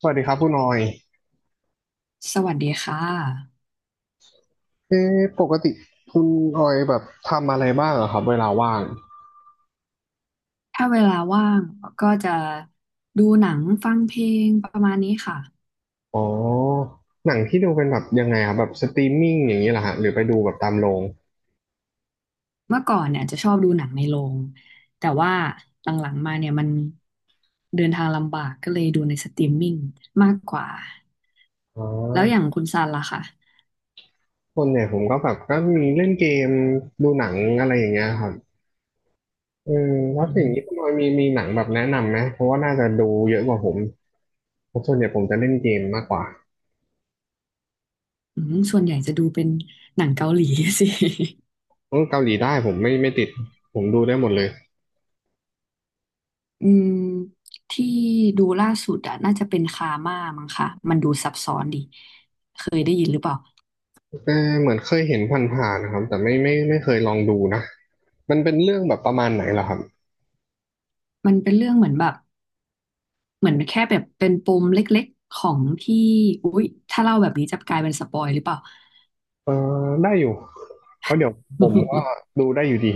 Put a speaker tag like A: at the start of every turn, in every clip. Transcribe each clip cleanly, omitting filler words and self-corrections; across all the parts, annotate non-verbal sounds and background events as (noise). A: สวัสดีครับคุณออย
B: สวัสดีค่ะ
A: เอ๊ะปกติคุณออยแบบทำอะไรบ้างเหรอครับเวลาว่าง
B: ถ้าเวลาว่างก็จะดูหนังฟังเพลงประมาณนี้ค่ะ
A: อ๋อหนังที่ดูเป็นแบบยังไงครับแบบสตรีมมิ่งอย่างนี้เหรอฮะหรือไปดูแบบตามโรง
B: เมื่อก่อนเนี่ยจะชอบดูหนังในโรง แต่ว่าหลังๆมาเนี่ยมันเดินทางลำบากก็เลยดูในสตรีมมิ่งมากกว่า
A: อ๋
B: แล้วอย่า
A: อ
B: งคุณซันล่ะค่ะ
A: ส่วนใหญ่ผมก็แบบก็มีเล่นเกมดูหนังอะไรอย่างเงี้ยครับอืมแล้
B: อื
A: วอ
B: ม
A: ย่างนี้คุณออยมีหนังแบบแนะนำไหมเพราะว่าน่าจะดูเยอะกว่าผมเพราะส่วนใหญ่ผมจะเล่นเกมมากกว่า
B: อืมส่วนใหญ่จะดูเป็นหนังเกาหลี (laughs) สิ
A: เออเกาหลีได้ผมไม่ติดผมดูได้หมดเลย
B: อืมที่ดูล่าสุดอะน่าจะเป็นคาม่ามั้งคะมันดูซับซ้อนดีเคยได้ยินหรือเปล่า
A: เออเหมือนเคยเห็นผ่านๆนะครับแต่ไม่เคยลองดูนะ มันเป็นเรื่องแบบประมาณไหนล่ะครับ
B: มันเป็นเรื่องเหมือนแบบ เหมือนแค่แบบเป็นปมเล็กๆของที่อุ๊ยถ้าเล่าแบบนี้จะกลายเป็นสปอยหรือเปล่า
A: เออได้อยู่เพราะเดี๋ยวผมก็
B: (laughs)
A: ดูได้อยู่ดี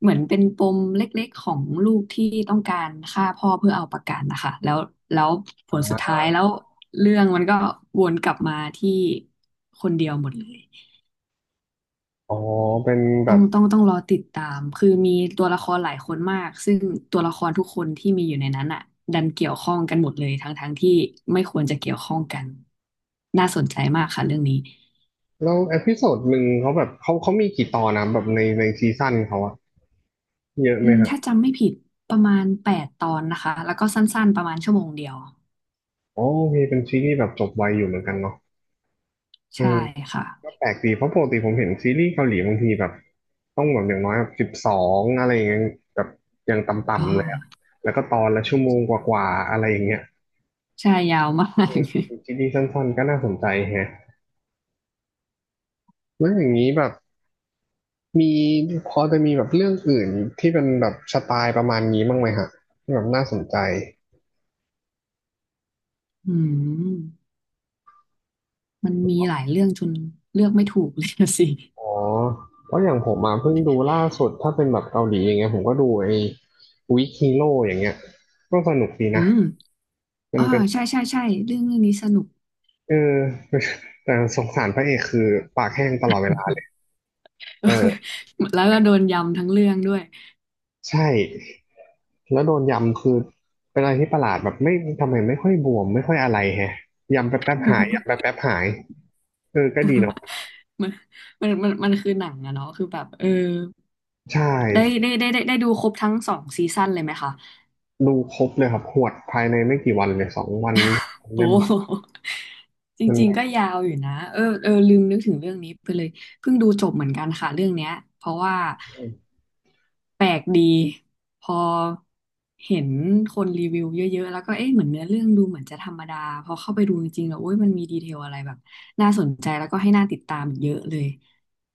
B: เหมือนเป็นปมเล็กๆของลูกที่ต้องการฆ่าพ่อเพื่อเอาประกันนะคะแล้วผล
A: อ
B: สุดท้ายแล้วเรื่องมันก็วนกลับมาที่คนเดียวหมดเลย
A: ๋อเป็นแบ
B: ต้อง
A: บ
B: ต้องต้องรอติดตามคือมีตัวละครหลายคนมากซึ่งตัวละครทุกคนที่มีอยู่ในนั้นอ่ะดันเกี่ยวข้องกันหมดเลยทั้งที่ไม่ควรจะเกี่ยวข้องกันน่าสนใจมากค่ะเรื่องนี้
A: แล้วเอพิโซดหนึ่งเขาแบบเขามีกี่ตอนนะแบบในซีซั่นเขาอะเยอะ
B: อื
A: ไหม
B: ม
A: ครับ
B: ถ้าจำไม่ผิดประมาณ8 ตอนนะคะแล้วก็สั้นๆประมาณชั่วโมงเดียว
A: อ๋อมีเป็นซีรีส์แบบจบไวอยู่เหมือนกันเนาะเอ
B: ใช่
A: อ
B: ค่ะ
A: ก็แปลกดีเพราะปกติผมเห็นซีรีส์เกาหลีบางทีแบบต้องแบบอย่างน้อยแบบ12อะไรอย่างเงี้ยแบบอย่างต
B: อ๋อ
A: ่ำๆเลยอะแล้วก็ตอนละชั่วโมงกว่าๆอะไรอย่างเงี้ย
B: ใช่ยาวมาก
A: ซีรีส์สั้นๆก็น่าสนใจแฮะแล้วอย่างนี้แบบ มีพอจะมีแบบเรื่องอื่นที่เป็นแบบสไตล์ประมาณนี้บ้างไหมฮะที่แบบน่าสนใจ
B: (laughs) อืมมันมีหลายเรื่องจนเลือกไม่ถูกเลยนะสิ (laughs)
A: อ๋อเพราะอย่างผมมาเพิ่งดูล่าสุดถ้าเป็นแบบเกาหลีอย่างเงี้ยผมก็ดูไอ้วิกฮีโร่อย่างเงี้ยก็สนุกดี
B: อื
A: นะ
B: ม
A: มั
B: อ๋
A: น
B: อ
A: เป็น
B: ใช่ใช่ใช่เรื่องนี้สนุก
A: เออ (laughs) แต่สงสารพระเอกคือปากแห้งตลอดเวลาเออ
B: (laughs) แล้วก็โดนยำทั้งเรื่องด้วย
A: ใช่แล้วโดนยำคือเป็นอะไรที่ประหลาดแบบไม่ทำไมไม่ค่อยบวมไม่ค่อยอะไรแฮะยำแป๊บแป๊บหายยำแป๊บ
B: (laughs)
A: แป๊บหายเออก็ดีเนาะ
B: มันมันคือหนังอะเนาะคือแบบเออ
A: ใช่
B: ได้ดูครบทั้ง2 ซีซั่นเลยไหมคะ
A: ดูครบเลยครับหวดภายในไม่กี่วันเลย2 วัน
B: โอ้
A: ได้มั้ง
B: (laughs) จ
A: มัน
B: ริง
A: แบ
B: ๆ
A: บ
B: ก็ยาวอยู่นะเออลืมนึกถึงเรื่องนี้ไปเลยเพิ่งดูจบเหมือนกันค่ะเรื่องเนี้ยเพราะว่า แปลกดีพอเห็นคนรีวิวเยอะๆแล้วก็เอ๊ะเหมือนเนื้อเรื่องดูเหมือนจะธรรมดาพอเข้าไปดูจริงๆแล้วโอ้ยมันมีดีเทลอะไรแบบน่าสนใจแล้วก็ให้น่าติดตามเยอะเลย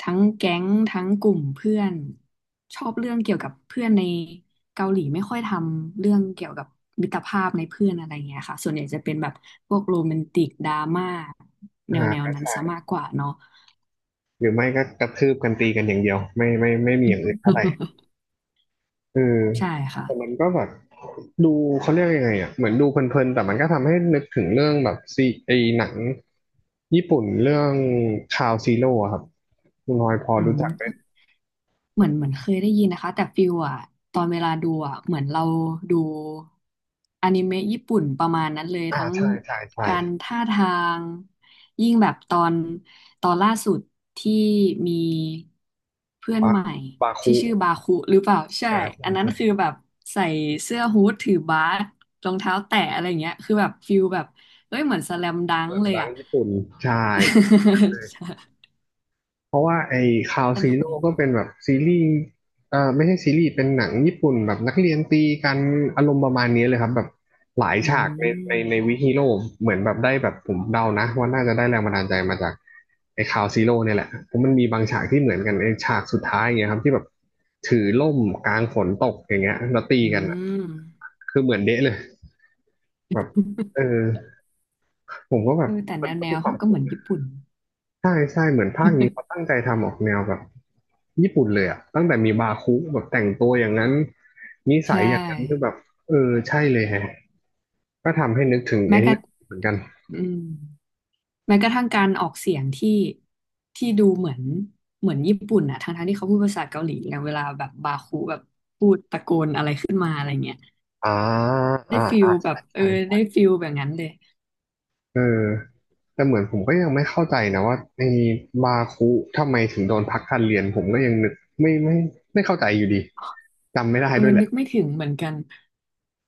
B: ทั้งแก๊งทั้งกลุ่มเพื่อนชอบเรื่องเกี่ยวกับเพื่อนในเกาหลีไม่ค่อยทำเรื่องเกี่ยวกับมิตรภาพในเพื่อนอะไรเงี้ยค่ะส่วนใหญ่จะเป็นแบบพวกโรแมนติกดราม่าแ
A: ห
B: นว
A: า
B: ๆนั้นซะมากกว่าเนาะ
A: หรือไม่ก็กระทืบกันตีกันอย่างเดียวไม่มีอย่างอื่นเท่าไหร่เออ
B: (laughs) ใช่ค่ะ
A: แต่มันก็แบบดูเขาเรียกยังไงอ่ะเหมือนดูเพลินๆแต่มันก็ทำให้นึกถึงเรื่องแบบซีไอหนังญี่ปุ่นเรื่องคาวซีโร่ครับคุณน้อยพอ
B: อื
A: รู้จักไหม
B: ม เหมือนเคยได้ยินนะคะแต่ฟิลอะตอนเวลาดูอะเหมือนเราดูอนิเมะญี่ปุ่นประมาณนั้นเลย
A: อ่า
B: ทั้ง
A: ใช่ใช่ใช่
B: การท่าทางยิ่งแบบตอนล่าสุดที่มีเพื่อน
A: บา
B: ใหม่
A: บา
B: ที่
A: คุ
B: ชื่อบาคุหรือเปล่าใช่
A: อ่าใช่
B: อันนั้น
A: ใช่
B: คือแบบใส่เสื้อฮู้ดถือบาสรองเท้าแตะอะไรเงี้ยคือแบบฟิลแบบเอ้ยเหมือนสแลมดั
A: ห
B: ง
A: นั
B: ก์
A: ง
B: เลย
A: ดัง
B: อะ
A: ญี่ปุ่นใช่
B: (laughs) ใช่
A: เพราะว่าไอ้คาว
B: ส
A: ซี
B: นุก
A: โร่
B: ดี
A: ก็เป็นแบบซีรีส์เอ่อไม่ใช่ซีรีส์เป็นหนังญี่ปุ่นแบบนักเรียนตีกันอารมณ์ประมาณนี้เลยครับแบบหลาย
B: อื
A: ฉากในในวิ
B: ม
A: ฮีโร่เหมือนแบบได้แบบผมเดานะว่าน่าจะได้แรงบันดาลใจมาจากไอ้คาวซีโร่เนี่ยแหละเพราะมันมีบางฉากที่เหมือนกันไอ้ฉากสุดท้ายอย่างเงี้ยครับที่แบบถือล่มกลางฝนตกอย่างเงี้ยแล้วตี
B: อื
A: กันอะ
B: ม
A: คือเหมือนเดะเลยแบบเออผมก็แบ
B: เอ
A: บ
B: อแต่
A: มั
B: แน
A: น
B: ว
A: ก็
B: แน
A: มี
B: ว
A: ควา
B: เขา
A: ม
B: ก็เห
A: คุ้น
B: มือนญี่ปุ่น
A: ใช่ใช่เหมือนภาคนี้เขาตั้งใจทำออกแนวแบบญี่ปุ่นเลยอะตั้งแต่มีบาคุแบบแต่งตัวอย่างนั้นนิ
B: ใช
A: สัยอย่างนั้นคือแบ
B: ่
A: บเออใช่เลยแฮะก็ทำให้นึกถึง
B: แม้
A: ไอ้
B: กระ
A: เรื่องเหมือนกัน
B: อืมแม้กระทั่งการออกเสียงที่ดูเหมือนญี่ปุ่นอะทั้งที่เขาพูดภาษาเกาหลีอย่างเวลาแบบบาคูแบบพูดตะโกนอะไรขึ้นมาอะไรเงี้ย
A: อ่า
B: ได้
A: อ่า
B: ฟิล
A: อ่า
B: แบบ
A: ใช่
B: เออได้
A: ใช่
B: ฟิลแบบนั้นเลย
A: เออแต่เหมือนผมก็ยังไม่เข้าใจนะว่าไอ้บาคุทำไมถึงโดนพักการเรียนผมก็ยังนึกไม่ไม่ไม่เข้าใจอยู่ดีจำไม่ได้
B: เออ
A: ด้วยแห
B: นึ
A: ละ
B: กไม่ถึงเหมือนกัน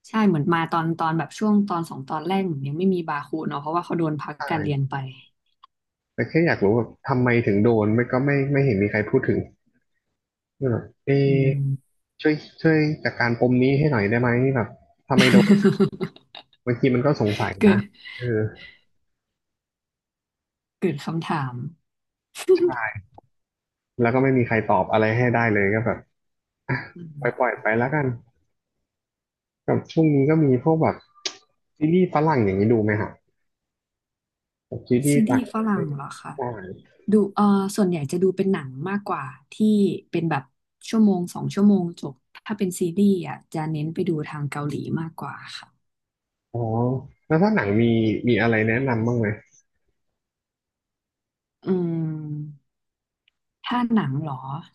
B: ใช่เหมือนมาตอนแบบช่วงตอน2 ตอนแรกเหมือนยังไม่มีบาคูเนาะเพราะว่าเขาโดนพักการเรียน
A: ใช่
B: ไป
A: แต่แค่อยากรู้ว่าทำไมถึงโดนไม่ก็ไม่เห็นมีใครพูดถึงเออเอะ
B: อืม
A: ช่วยช่วยจัดการปมนี้ให้หน่อยได้ไหมแบบทำไมโดน
B: (laughs)
A: บางทีมันก็สงสัย
B: เกิ
A: นะ
B: ด
A: เออ
B: เกิดคำถาม (laughs)
A: ใช่แล้วก็ไม่มีใครตอบอะไรให้ได้เลยก็แบบอ่ะ
B: อื
A: ปล่อย
B: ม
A: ปล่อยไปแล้วกันกับช่วงนี้ก็มีพวกแบบซีรีส์ฝรั่งอย่างนี้ดูไหมฮะแบบซีรี
B: ซี
A: ส์
B: รี
A: ต่าง
B: ส์
A: ป
B: ฝ
A: ระเท
B: รั่ง
A: ศ
B: เหรอคะ
A: ใช่
B: ดูส่วนใหญ่จะดูเป็นหนังมากกว่าที่เป็นแบบชั่วโมงสองชั่วโมงจบถ้าเป็นซีรีส์อ่ะจะเน้นไปดูทางเกาหลีมากกว่าค่ะ
A: อ๋อแล้วถ้าหนังมีอะไรแนะนำบ้างไหม
B: อืมถ้าหนังเหรอ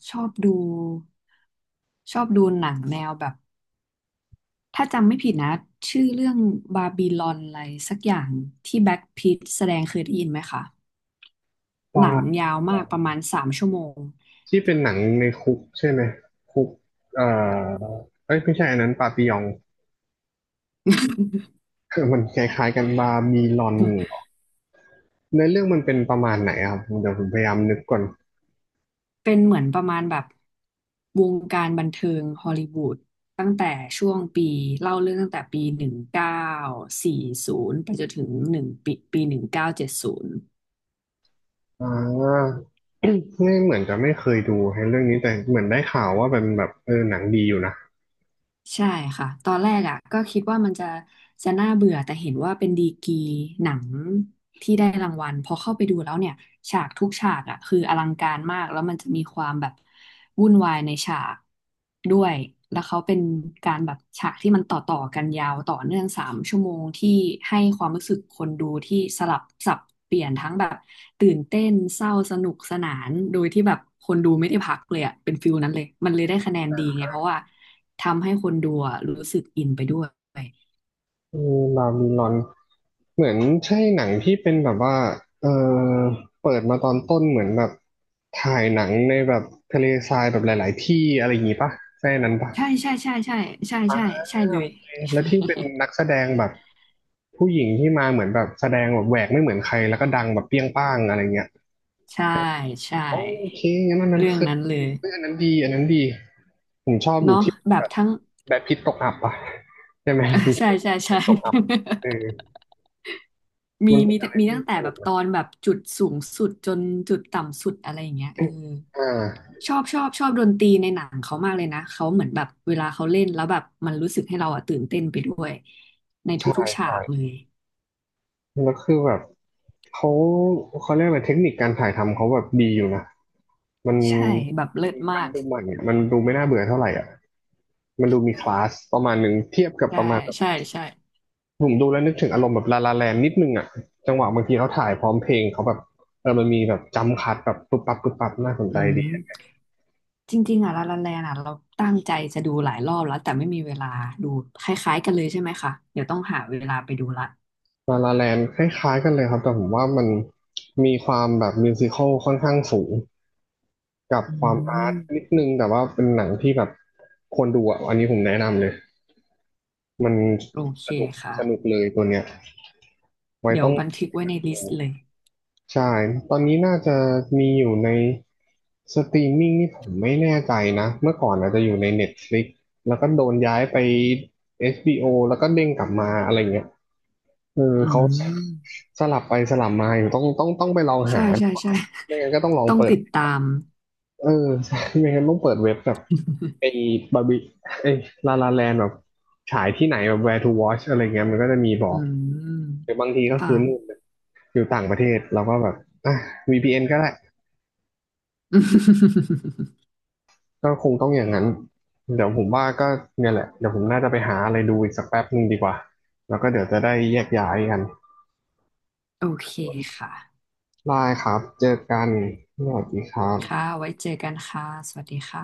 B: ชอบดูชอบดูหนังแนวแบบถ้าจำไม่ผิดนะชื่อเรื่องบาบิลอนอะไรสักอย่างที่แบล็คพีทแสดงเคยได้ยินไหมคะห
A: ว่า
B: นังยาวมากประมาณสามชั่วโมง
A: ที่เป็นหนังในคุกใช่ไหมคุกเอ่อเอ้ยไม่ใช่อันนั้นปาปิยอง (laughs) มันคล้ายๆกันบาร์บีลอน เนื้อเรื่องมันเป็นประมาณไหนอะครับเดี๋ยวผมพยายามนึกก่อน
B: เป็นเหมือนประมาณแบบวงการบันเทิงฮอลลีวูดตั้งแต่ช่วงปีเล่าเรื่องตั้งแต่ปี1940ไปจนถึงหนึ่งปีปี1970
A: อ่า (coughs) ไม่เหมือนจะไม่เคยดูให้เรื่องนี้แต่เหมือนได้ข่าวว่าเป็นแบบเออหนังดีอยู่นะ
B: ใช่ค่ะตอนแรกอ่ะก็คิดว่ามันจะน่าเบื่อแต่เห็นว่าเป็นดีกรีหนังที่ได้รางวัลพอเข้าไปดูแล้วเนี่ยฉากทุกฉากอ่ะคืออลังการมากแล้วมันจะมีความแบบวุ่นวายในฉากด้วยแล้วเขาเป็นการแบบฉากที่มันต่อกันยาวต่อเนื่องสามชั่วโมงที่ให้ความรู้สึกคนดูที่สลับสับเปลี่ยนทั้งแบบตื่นเต้นเศร้าสนุกสนานโดยที่แบบคนดูไม่ได้พักเลยอ่ะเป็นฟิลนั้นเลยมันเลยได้คะแนนดีไงเพราะว่า ทำให้คนดูอะรู้สึกอินไปด้วย
A: เออลาบิลอนเหมือนใช่หนังที่เป็นแบบว่าเออเปิดมาตอนต้นเหมือนแบบถ่ายหนังในแบบทะเลทรายแบบหลายๆที่อะไรอย่างงี้ปะใช่นั้นปะ
B: ใช่ใช่ใช่ใช่ใช่ใช่ใช่
A: อ่า
B: เล
A: โอ
B: ย
A: เคแล้วที่เป็นนักแสดงแบบผู้หญิงที่มาเหมือนแบบแสดงแบบแหวกไม่เหมือนใครแล้วก็ดังแบบเปรี้ยงป้างอะไรเงี้ย
B: ใช่ใช่
A: โอเคงั้นอันนั้น
B: เรื่อง
A: คือ
B: นั้นเลย
A: เฮ้ยอันนั้นดีอันนั้นดีผมชอบอยู่
B: เนาะ
A: ที่
B: แบ
A: แบ
B: บ
A: บ
B: ทั้ง (laughs)
A: แบดพิตตกอับอะใช่ไหม
B: อ่ะ
A: มี
B: ใช่
A: ช่วง
B: ใช่ใช่
A: ที่ตกอับเออ
B: (laughs) มี
A: มันเป็
B: มี
A: นอะไร
B: มี
A: ที่
B: ตั้งแต่
A: ส
B: แบ
A: นุก
B: บต
A: นะ
B: อนแบบจุดสูงสุดจนจุดต่ำสุดอะไรอย่างเงี้ยเออ
A: อ่า
B: ชอบดนตรีในหนังเขามากเลยนะเขาเหมือนแบบเวลาเขาเล่นแล้วแบบมันรู้สึกให้เราอะตื่นเต้นไปด้วยใน
A: ใช่
B: ทุกๆฉา
A: ใช่
B: กเลย
A: แล้วคือแบบเขาเขาเรียกอะไรเทคนิคการถ่ายทำเขาแบบดีอยู่นะมัน
B: ใช่แบบเลิ
A: มัน
B: ศมา
A: มัน
B: ก
A: ดูใหม่อะมันดูไม่น่าเบื่อเท่าไหร่อ่ะมันดูมีคลาสประมาณหนึ่งเทียบกับ
B: ใช่
A: ประมาณ
B: ใช่ใช่
A: ผมดูแล้วนึกถึงอารมณ์แบบลาลาแลนนิดนึงอ่ะจังหวะบางทีเขาถ่ายพร้อมเพลงเขาแบบมันมีแบบจัมป์คัทแบบปุ๊บปั๊บปุ๊บปั๊บน่าสนใจ
B: อื
A: ดี
B: ม จริงๆอ่ะลาลาแลนอ่ะเราตั้งใจจะดูหลายรอบแล้วแต่ไม่มีเวลาดูคล้ายๆกันเลยใช่ไหมคะเดี๋ยวต้องหาเวลาไปดูละ
A: ลาลาแลนคล้ายๆกันเลยครับแต่ผมว่ามันมีความแบบมิวสิคัลค่อนข้างสูงกับ
B: อื
A: ความอาร์ต
B: ม
A: นิดนึงแต่ว่าเป็นหนังที่แบบควรดูอ่ะอันนี้ผมแนะนำเลยมัน
B: โอเค
A: สนุก
B: ค่ะ
A: สนุกเลยตัวเนี้ยไว้
B: เดี๋ย
A: ต้
B: ว
A: อง
B: บันทึกไว้ในลิ
A: ดู
B: สต์เลย
A: ใช่ ตอนนี้น่าจะมีอยู่ในสตรีมมิ่งนี่ผมไม่แน่ใจนะ เมื่อก่อนอาจจะอยู่ใน Netflix แล้วก็โดนย้ายไป HBO แล้วก็เด้งกลับมาอะไรเงี้ยเออ
B: อื
A: เขา
B: ม
A: สลับไปสลับมาอยู่ต้องไปลอง
B: ใช่
A: หา
B: ใช่ใช่
A: ไม่งั้นก็ต้องลอ
B: (laughs)
A: ง
B: ต้อง
A: เปิด
B: ติดตาม
A: เออใช่ไม่งั้นต้องเปิดเว็บแบบไอ้
B: (laughs)
A: บาร์บี้ไอ้ลาลาแลนแบบฉายที่ไหนแบบ where to watch อะไรเงี้ยมันก็จะมีบ
B: อื
A: อกหรื
B: ม
A: อบางทีก็
B: ค่ะ
A: คือนู่นอยู่ต่างประเทศเราก็แบบอ่ะ VPN ก็ได้
B: (laughs)
A: ก็คงต้องอย่างนั้น เดี๋ยวผมว่าก็เนี่ยแหละ เดี๋ยวผมน่าจะไปหาอะไรดูอีกสักแป๊บหนึ่งดีกว่า แล้วก็เดี๋ยวจะได้แยกย้ายกัน
B: โอเคค่ะ
A: ได้ครับเจอกันสวัสดีครับ
B: ค่ะไว้เจอกันค่ะสวัสดีค่ะ